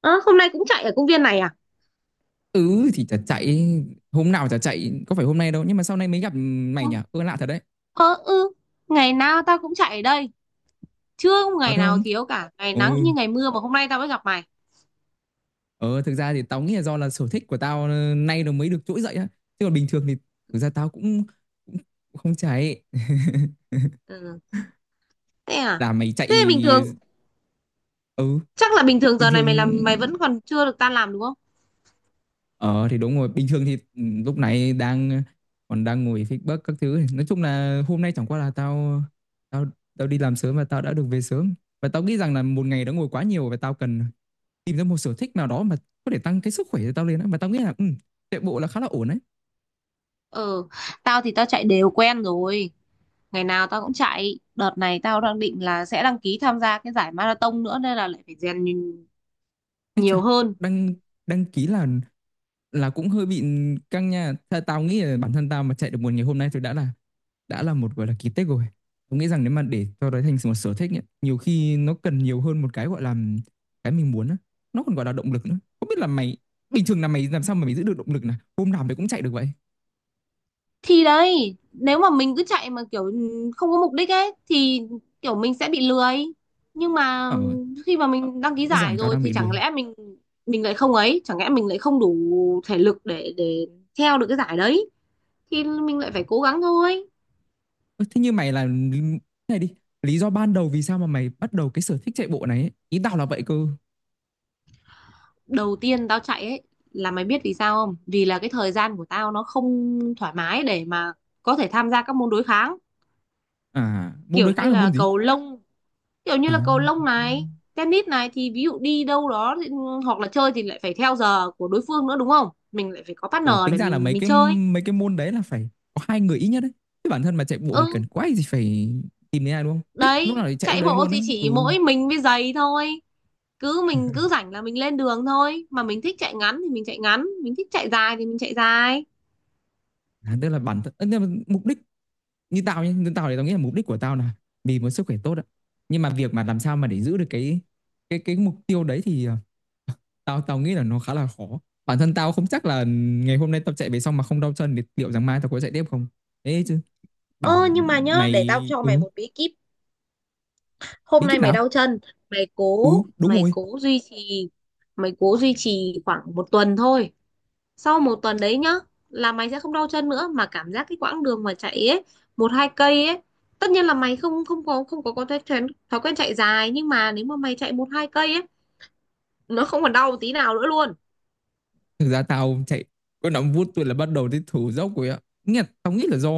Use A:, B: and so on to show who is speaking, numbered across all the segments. A: Ơ, hôm nay cũng chạy ở công viên này à?
B: Ừ thì chả chạy. Hôm nào chả chạy. Có phải hôm nay đâu. Nhưng mà sau này mới gặp
A: Ờ,
B: mày nhỉ. Ơ lạ thật đấy.
A: ờ, ừ, ngày nào tao cũng chạy ở đây, chưa có
B: Thật
A: ngày nào
B: không?
A: thiếu cả, ngày
B: Ừ.
A: nắng như ngày mưa mà hôm nay tao mới gặp mày.
B: Ờ thực ra thì tao nghĩ là do là sở thích của tao nay nó mới được trỗi dậy á. Chứ còn bình thường thì thực ra tao cũng cũng không chạy.
A: Ừ, thế à?
B: Là mày
A: Thế bình
B: chạy.
A: thường,
B: Ừ
A: chắc là bình thường
B: bình
A: giờ này
B: thường.
A: mày làm mày vẫn còn chưa được tan làm đúng không?
B: Ờ thì đúng rồi, bình thường thì lúc này đang còn đang ngồi feedback các thứ. Nói chung là hôm nay chẳng qua là tao tao tao đi làm sớm và tao đã được về sớm. Và tao nghĩ rằng là một ngày đã ngồi quá nhiều và tao cần tìm ra một sở thích nào đó mà có thể tăng cái sức khỏe cho tao lên á. Mà tao nghĩ là chạy bộ là khá là ổn đấy.
A: Ừ, tao thì tao chạy đều quen rồi, ngày nào tao cũng chạy. Đợt này tao đang định là sẽ đăng ký tham gia cái giải marathon nữa nên là lại phải rèn
B: Ấy chà,
A: nhiều hơn.
B: đăng đăng ký là cũng hơi bị căng nha. Tao nghĩ là bản thân tao mà chạy được một ngày hôm nay thì đã là một gọi là kỳ tích rồi. Tôi nghĩ rằng nếu mà để cho đấy thành một sở thích ấy, nhiều khi nó cần nhiều hơn một cái gọi là cái mình muốn á. Nó còn gọi là động lực nữa. Không biết là mày bình thường là mày làm sao mà mày giữ được động lực này? Hôm nào mày cũng chạy được vậy?
A: Thì đấy, nếu mà mình cứ chạy mà kiểu không có mục đích ấy thì kiểu mình sẽ bị lười, nhưng mà
B: Ờ,
A: khi mà mình đăng ký
B: rõ
A: giải
B: ràng tao
A: rồi
B: đang
A: thì
B: bị
A: chẳng
B: lười.
A: lẽ mình lại không ấy, chẳng lẽ mình lại không đủ thể lực để theo được cái giải đấy thì mình lại phải cố gắng thôi.
B: Ơ, thế như mày là này đi, lý do ban đầu vì sao mà mày bắt đầu cái sở thích chạy bộ này ấy? Ý tao là vậy cơ.
A: Đầu tiên tao chạy ấy, là mày biết vì sao không, vì là cái thời gian của tao nó không thoải mái để mà có thể tham gia các môn đối kháng,
B: À, môn
A: kiểu
B: đối kháng
A: như
B: là
A: là
B: môn gì?
A: cầu lông kiểu như
B: À,
A: là cầu lông này, tennis này, thì ví dụ đi đâu đó ừ, hoặc là chơi thì lại phải theo giờ của đối phương nữa đúng không, mình lại phải có partner
B: ừ, tính
A: để
B: ra là
A: mình mình chơi.
B: mấy cái môn đấy là phải có hai người ít nhất đấy, chứ bản thân mà chạy bộ thì
A: Ừ
B: cần quá gì phải tìm đến ai đúng không, thích lúc nào
A: đấy,
B: thì chạy lúc
A: chạy
B: đấy
A: bộ
B: luôn
A: thì
B: đấy ừ.
A: chỉ mỗi mình với giày thôi, cứ mình cứ rảnh là mình lên đường thôi, mà mình thích chạy ngắn thì mình chạy ngắn, mình thích chạy dài thì mình chạy dài.
B: À, tức là bản thân nhưng mà mục đích như tao nhé, như tao thì tao nghĩ là mục đích của tao là vì một sức khỏe tốt ạ, nhưng mà việc mà làm sao mà để giữ được cái mục tiêu đấy thì tao tao nghĩ là nó khá là khó. Bản thân tao không chắc là ngày hôm nay tao chạy về xong mà không đau chân thì liệu rằng mai tao có chạy tiếp không. Thế chứ
A: Ơ
B: bảo
A: nhưng mà nhớ, để tao
B: mày
A: cho mày
B: ừ
A: một bí kíp. Hôm
B: bí
A: nay
B: kíp
A: mày
B: nào
A: đau chân, mày cố
B: ừ đúng
A: mày
B: rồi.
A: cố duy trì mày cố duy trì khoảng một tuần thôi. Sau một tuần đấy nhá, là mày sẽ không đau chân nữa, mà cảm giác cái quãng đường mà chạy ấy, 1-2 cây ấy, tất nhiên là mày không không có thói quen chạy dài, nhưng mà nếu mà mày chạy 1-2 cây ấy, nó không còn đau tí nào nữa luôn.
B: Thực ra tao chạy có 5 phút tôi là bắt đầu thấy thở dốc rồi ạ. Nghĩa là tao nghĩ là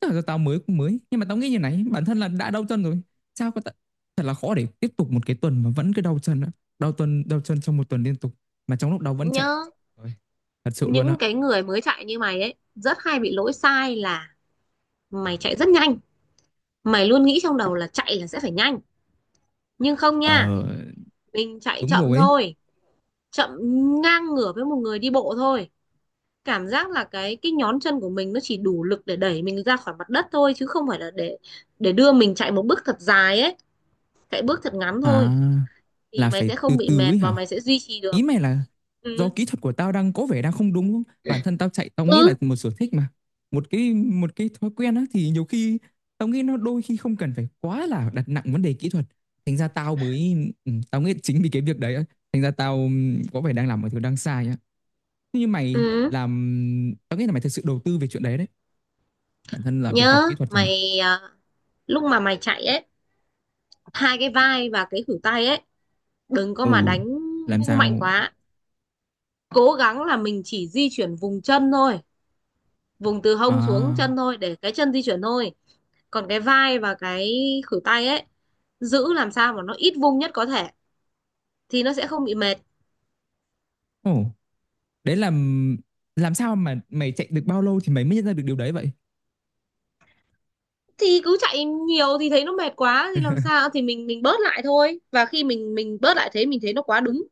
B: tức là do tao mới cũng mới, nhưng mà tao nghĩ như này, bản thân là đã đau chân rồi sao có ta... thật là khó để tiếp tục một cái tuần mà vẫn cứ đau chân á, đau tuần đau chân trong một tuần liên tục mà trong lúc đau vẫn chạy.
A: Nhớ,
B: Ôi, thật sự luôn á.
A: những cái người mới chạy như mày ấy rất hay bị lỗi sai là mày chạy rất nhanh, mày luôn nghĩ trong đầu là chạy là sẽ phải nhanh, nhưng không
B: Ờ
A: nha, mình chạy
B: đúng
A: chậm
B: rồi ấy.
A: thôi, chậm ngang ngửa với một người đi bộ thôi. Cảm giác là cái nhón chân của mình nó chỉ đủ lực để đẩy mình ra khỏi mặt đất thôi, chứ không phải là để đưa mình chạy một bước thật dài ấy, chạy bước thật ngắn
B: À
A: thôi, thì
B: là
A: mày
B: phải
A: sẽ
B: từ
A: không bị
B: từ
A: mệt
B: ấy hả?
A: và mày sẽ duy trì
B: Ý
A: được.
B: mày là do
A: Ừ,
B: kỹ thuật của tao đang có vẻ đang không đúng không? Bản thân tao chạy tao nghĩ là
A: ừ,
B: một sở thích mà. Một cái thói quen á thì nhiều khi tao nghĩ nó đôi khi không cần phải quá là đặt nặng vấn đề kỹ thuật. Thành ra tao mới ừ, tao nghĩ chính vì cái việc đấy á, thành ra tao có vẻ đang làm một thứ đang sai á. Thế như mày
A: ừ,
B: làm tao nghĩ là mày thực sự đầu tư về chuyện đấy đấy. Bản thân là việc học
A: nhớ
B: kỹ thuật chẳng hạn.
A: mày à, lúc mà mày chạy ấy, hai cái vai và cái khuỷu tay ấy, đừng có mà
B: Ừ,
A: đánh
B: làm
A: vung mạnh
B: sao
A: quá, cố gắng là mình chỉ di chuyển vùng chân thôi, vùng từ hông xuống chân
B: à
A: thôi, để cái chân di chuyển thôi. Còn cái vai và cái khuỷu tay ấy, giữ làm sao mà nó ít vung nhất có thể, thì nó sẽ không bị mệt.
B: ồ, đấy là làm sao mà mày chạy được bao lâu thì mày mới nhận ra được điều đấy vậy?
A: Thì cứ chạy nhiều thì thấy nó mệt quá thì làm sao, thì mình bớt lại thôi, và khi mình bớt lại thế, mình thấy nó quá đúng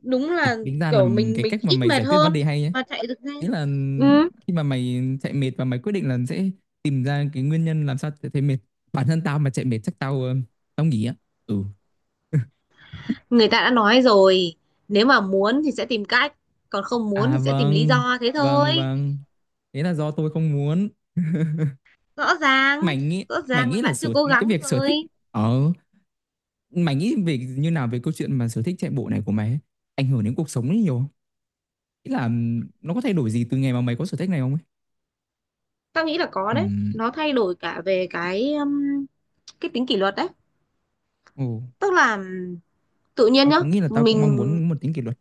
A: đúng
B: Ý,
A: là
B: tính ra là
A: kiểu mình
B: cái
A: mình
B: cách mà
A: ít
B: mày
A: mệt
B: giải quyết vấn
A: hơn
B: đề hay nhé.
A: mà chạy được
B: Ý
A: nhanh.
B: là
A: Ừ,
B: khi mà mày chạy mệt và mày quyết định là sẽ tìm ra cái nguyên nhân làm sao chạy thấy mệt. Bản thân tao mà chạy mệt chắc tao tao nghỉ á. Ừ.
A: người ta đã nói rồi, nếu mà muốn thì sẽ tìm cách, còn không muốn
B: À
A: thì sẽ tìm lý
B: vâng,
A: do, thế
B: vâng
A: thôi.
B: vâng. Thế là do tôi không muốn.
A: rõ ràng
B: Mày nghĩ
A: rõ
B: Mày
A: ràng là
B: nghĩ là
A: bạn chưa
B: sở
A: cố
B: cái
A: gắng
B: việc sở thích
A: rồi.
B: ở mày nghĩ về như nào về câu chuyện mà sở thích chạy bộ này của mày ấy, ảnh hưởng đến cuộc sống ấy nhiều không? Ý là nó có thay đổi gì từ ngày mà mày có sở thích này không ấy?
A: Tao nghĩ là có đấy,
B: Ừm.
A: nó thay đổi cả về cái tính kỷ luật đấy.
B: Ồ,
A: Tức là tự nhiên
B: tao
A: nhá,
B: cũng nghĩ là tao cũng mong
A: mình
B: muốn một tính kỷ luật.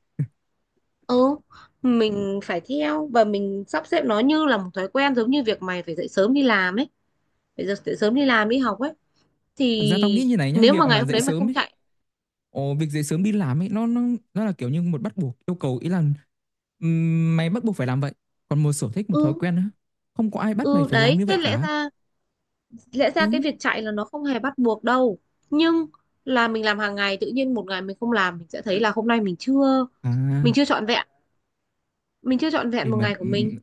A: ừ mình phải theo và mình sắp xếp nó như là một thói quen, giống như việc mày phải dậy sớm đi làm ấy, phải dậy dậy sớm đi làm đi học ấy,
B: Thực ra tao nghĩ
A: thì
B: như này nhá,
A: nếu mà
B: việc
A: ngày
B: mà
A: hôm
B: dậy
A: đấy mày
B: sớm
A: không
B: ấy,
A: chạy,
B: ồ, việc dậy sớm đi làm ấy, nó là kiểu như một bắt buộc yêu cầu, ý là mày bắt buộc phải làm vậy. Còn một sở thích, một
A: ừ,
B: thói quen á, không có ai bắt mày
A: ừ
B: phải làm
A: đấy,
B: như
A: thế
B: vậy
A: lẽ
B: cả.
A: ra lẽ ra cái
B: Ừ,
A: việc chạy là nó không hề bắt buộc đâu, nhưng là mình làm hàng ngày, tự nhiên một ngày mình không làm mình sẽ thấy là hôm nay
B: à,
A: mình chưa trọn vẹn mình chưa trọn vẹn
B: để
A: một
B: mà
A: ngày của mình.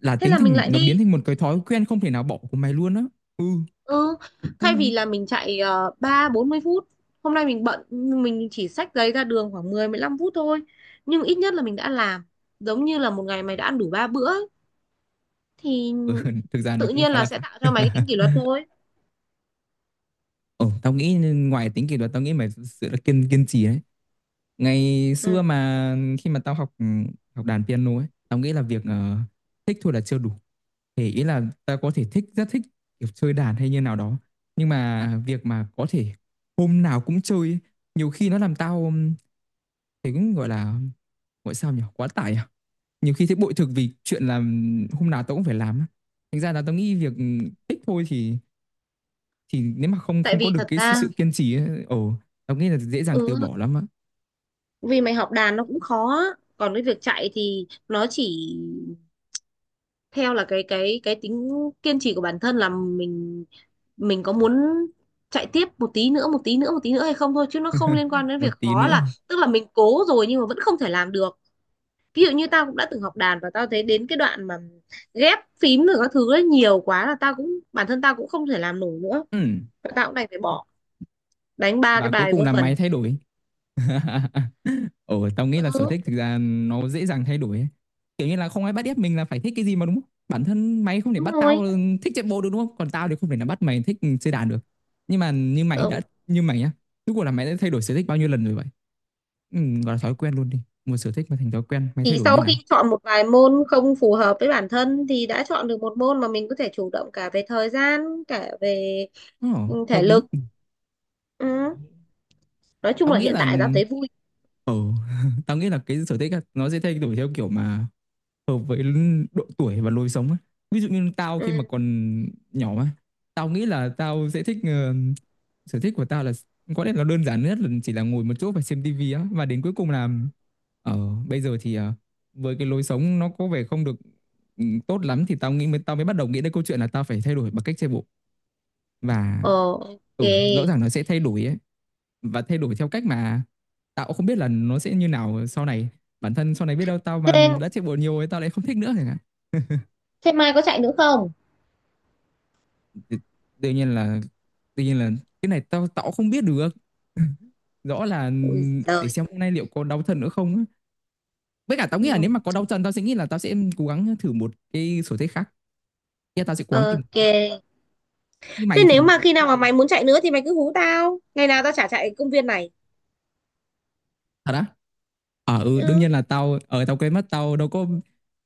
B: là
A: Thế
B: tính
A: là mình
B: thành
A: lại
B: nó biến
A: đi.
B: thành một cái thói quen không thể nào bỏ của mày luôn á. Ừ,
A: Ừ, thay
B: đúng
A: vì
B: rồi.
A: là mình chạy 30-40 phút, hôm nay mình bận nhưng mình chỉ xách giấy ra đường khoảng 10-15 phút thôi. Nhưng ít nhất là mình đã làm, giống như là một ngày mày đã ăn đủ 3 bữa ấy, thì
B: Ừ, thực ra nó
A: tự
B: cũng
A: nhiên
B: khá
A: là
B: là
A: sẽ
B: khác.
A: tạo cho mày cái tính kỷ luật thôi.
B: Ồ, tao nghĩ ngoài tính kỷ luật, tao nghĩ mày thực sự là kiên kiên trì đấy. Ngày xưa
A: Ừ.
B: mà khi mà tao học học đàn piano ấy, tao nghĩ là việc thích thôi là chưa đủ. Thì ý là tao có thể thích rất thích kiểu chơi đàn hay như nào đó, nhưng mà việc mà có thể hôm nào cũng chơi ấy, nhiều khi nó làm tao thấy cũng gọi là gọi sao nhỉ, quá tải à. Nhiều khi thấy bội thực vì chuyện là hôm nào tao cũng phải làm á. Thành ra là tao nghĩ việc thích thôi thì nếu mà không
A: Tại
B: không có
A: vì
B: được
A: thật
B: cái
A: ra
B: sự kiên trì ấy, ồ, tao nghĩ là dễ dàng từ
A: ừ,
B: bỏ lắm á.
A: vì mày học đàn nó cũng khó á. Còn cái việc chạy thì nó chỉ theo là cái tính kiên trì của bản thân, là mình có muốn chạy tiếp một tí nữa, một tí nữa, một tí nữa hay không thôi, chứ nó không liên quan đến
B: Một
A: việc
B: tí
A: khó,
B: nữa.
A: là tức là mình cố rồi nhưng mà vẫn không thể làm được. Ví dụ như tao cũng đã từng học đàn và tao thấy đến cái đoạn mà ghép phím rồi các thứ ấy nhiều quá, là tao cũng, bản thân tao cũng không thể làm nổi nữa,
B: Ừ.
A: tao cũng đành phải bỏ, đánh ba cái
B: Và cuối
A: bài
B: cùng
A: vớ
B: là mày thay
A: vẩn.
B: đổi. Ồ tao nghĩ là sở thích thực ra nó dễ dàng thay đổi ấy. Kiểu như là không ai bắt ép mình là phải thích cái gì mà đúng không, bản thân mày không thể bắt tao thích chạy bộ được đúng không, còn tao thì không thể nào bắt mày thích chơi đàn được. Nhưng mà như mày đã
A: Ừ.
B: như mày nhá, rốt cuộc là mày đã thay đổi sở thích bao nhiêu lần rồi vậy? Ừ, gọi là thói quen luôn đi, một sở thích mà thành thói quen mày thay
A: Thì
B: đổi như
A: sau khi
B: nào.
A: chọn một vài môn không phù hợp với bản thân thì đã chọn được một môn mà mình có thể chủ động cả về thời gian, cả về
B: Ồ, hợp
A: thể
B: lý.
A: lực. Ừ. Nói chung
B: Tao
A: là
B: nghĩ
A: hiện
B: là
A: tại tao thấy vui.
B: ừ, tao nghĩ là cái sở thích á, nó sẽ thay đổi theo kiểu mà hợp với độ tuổi và lối sống á. Ví dụ như tao khi mà
A: Ừ.
B: còn nhỏ á, tao nghĩ là tao sẽ thích sở thích của tao là có lẽ là đơn giản nhất là chỉ là ngồi một chỗ và xem tivi á, và đến cuối cùng là ờ bây giờ thì với cái lối sống nó có vẻ không được ừ, tốt lắm thì tao mới bắt đầu nghĩ đến câu chuyện là tao phải thay đổi bằng cách chạy bộ. Và
A: Ờ, ok.
B: ừ rõ ràng nó sẽ thay đổi ấy, và thay đổi theo cách mà tao cũng không biết là nó sẽ như nào sau này. Bản thân sau này biết đâu tao mà
A: Thế,
B: đã chạy bộ nhiều ấy tao lại không thích nữa chẳng hạn.
A: thế mai có chạy nữa không?
B: Thì đương nhiên là đương nhiên là cái này tao tao cũng không biết được. Rõ là
A: Ui
B: để
A: giời.
B: xem hôm nay liệu có đau chân nữa không á. Với cả tao
A: Ừ,
B: nghĩ là nếu mà có đau chân tao sẽ nghĩ là tao sẽ cố gắng thử một cái sở thích khác. Yeah, tao sẽ cố gắng tìm
A: ok.
B: như
A: Thế
B: mày
A: nếu
B: thì
A: mà khi nào mà mày muốn chạy nữa thì mày cứ hú tao. Ngày nào tao chả chạy công viên này.
B: thật á. Ờ ừ, đương nhiên
A: Ừ.
B: là tao ở tao quên mất tao đâu có.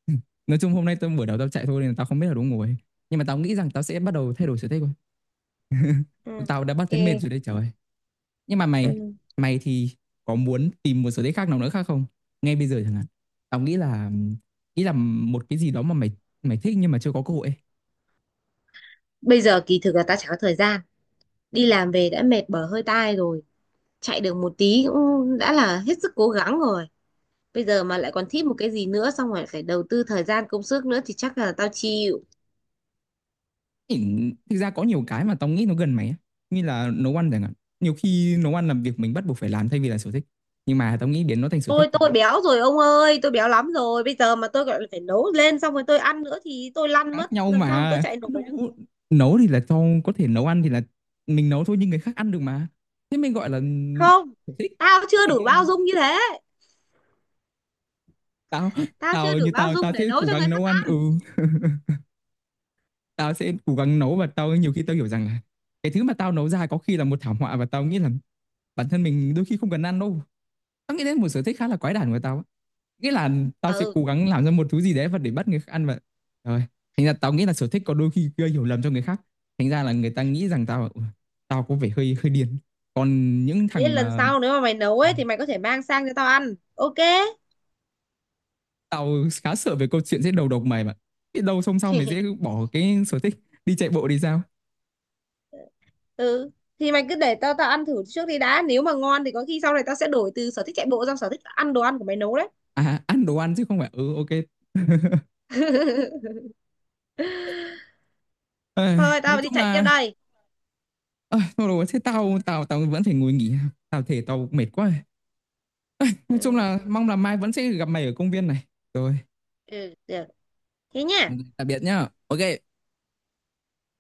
B: Nói chung hôm nay tao buổi đầu tao chạy thôi nên là tao không biết là đúng ngồi, nhưng mà tao nghĩ rằng tao sẽ bắt đầu thay đổi sở thích thôi.
A: Ừ.
B: Tao đã bắt thấy mệt
A: Ok.
B: rồi đấy, trời ơi. Nhưng mà mày
A: Ừ.
B: mày thì có muốn tìm một sở thích khác nào nữa khác không, ngay bây giờ chẳng hạn? Tao nghĩ là một cái gì đó mà mày mày thích nhưng mà chưa có cơ hội ấy.
A: Bây giờ kỳ thực là tao chả có thời gian. Đi làm về đã mệt bở hơi tai rồi. Chạy được một tí cũng đã là hết sức cố gắng rồi. Bây giờ mà lại còn thích một cái gì nữa, xong rồi phải đầu tư thời gian công sức nữa, thì chắc là tao chịu.
B: Thì thực ra có nhiều cái mà tao nghĩ nó gần mày á, như là nấu ăn chẳng hạn. Nhiều khi nấu ăn là việc mình bắt buộc phải làm thay vì là sở thích, nhưng mà tao nghĩ biến nó thành sở thích
A: tôi
B: thì
A: tôi béo rồi ông ơi, tôi béo lắm rồi, bây giờ mà tôi gọi là phải nấu lên xong rồi tôi ăn nữa thì tôi lăn mất,
B: khác nhau
A: làm sao mà tôi
B: mà.
A: chạy nổi được.
B: Nấu nấu thì là cho có thể nấu ăn thì là mình nấu thôi nhưng người khác ăn được mà, thế mình gọi là
A: Không,
B: sở thích.
A: tao
B: Có
A: chưa
B: thể
A: đủ bao dung như thế,
B: tao
A: tao chưa đủ
B: như
A: bao
B: tao tao
A: dung
B: sẽ
A: để nấu
B: cố
A: cho người
B: gắng
A: khác
B: nấu ăn
A: ăn.
B: ừ, tao sẽ cố gắng nấu. Và nhiều khi tao hiểu rằng là cái thứ mà tao nấu ra có khi là một thảm họa, và tao nghĩ là bản thân mình đôi khi không cần ăn đâu. Tao nghĩ đến một sở thích khá là quái đản của tao á. Nghĩa là tao sẽ
A: Ừ,
B: cố gắng làm ra một thứ gì đấy và để bắt người khác ăn và rồi thành ra tao nghĩ là sở thích có đôi khi gây hiểu lầm cho người khác, thành ra là người ta nghĩ rằng tao tao có vẻ hơi hơi điên. Còn những
A: thế
B: thằng
A: lần
B: mà
A: sau nếu mà mày nấu
B: ừ,
A: ấy thì mày có thể mang sang cho tao ăn, ok.
B: tao khá sợ về câu chuyện sẽ đầu độc mày, mà biết đâu xong sau mày dễ bỏ cái sở thích đi chạy bộ thì sao.
A: Ừ thì mày cứ để tao tao ăn thử trước đi đã, nếu mà ngon thì có khi sau này tao sẽ đổi từ sở thích chạy bộ sang sở thích ăn đồ ăn của mày nấu đấy.
B: À ăn đồ ăn chứ không phải ừ ok. Ây,
A: Thôi
B: nói
A: tao đi
B: chung
A: chạy tiếp
B: là
A: đây.
B: ơi thôi rồi, thế tao tao tao vẫn phải ngồi nghỉ, tao thể tao mệt quá. Nói chung
A: Ừ,
B: là mong là mai vẫn sẽ gặp mày ở công viên này rồi.
A: ừ được, thế nhá.
B: Ok, tạm biệt nhá. Ok.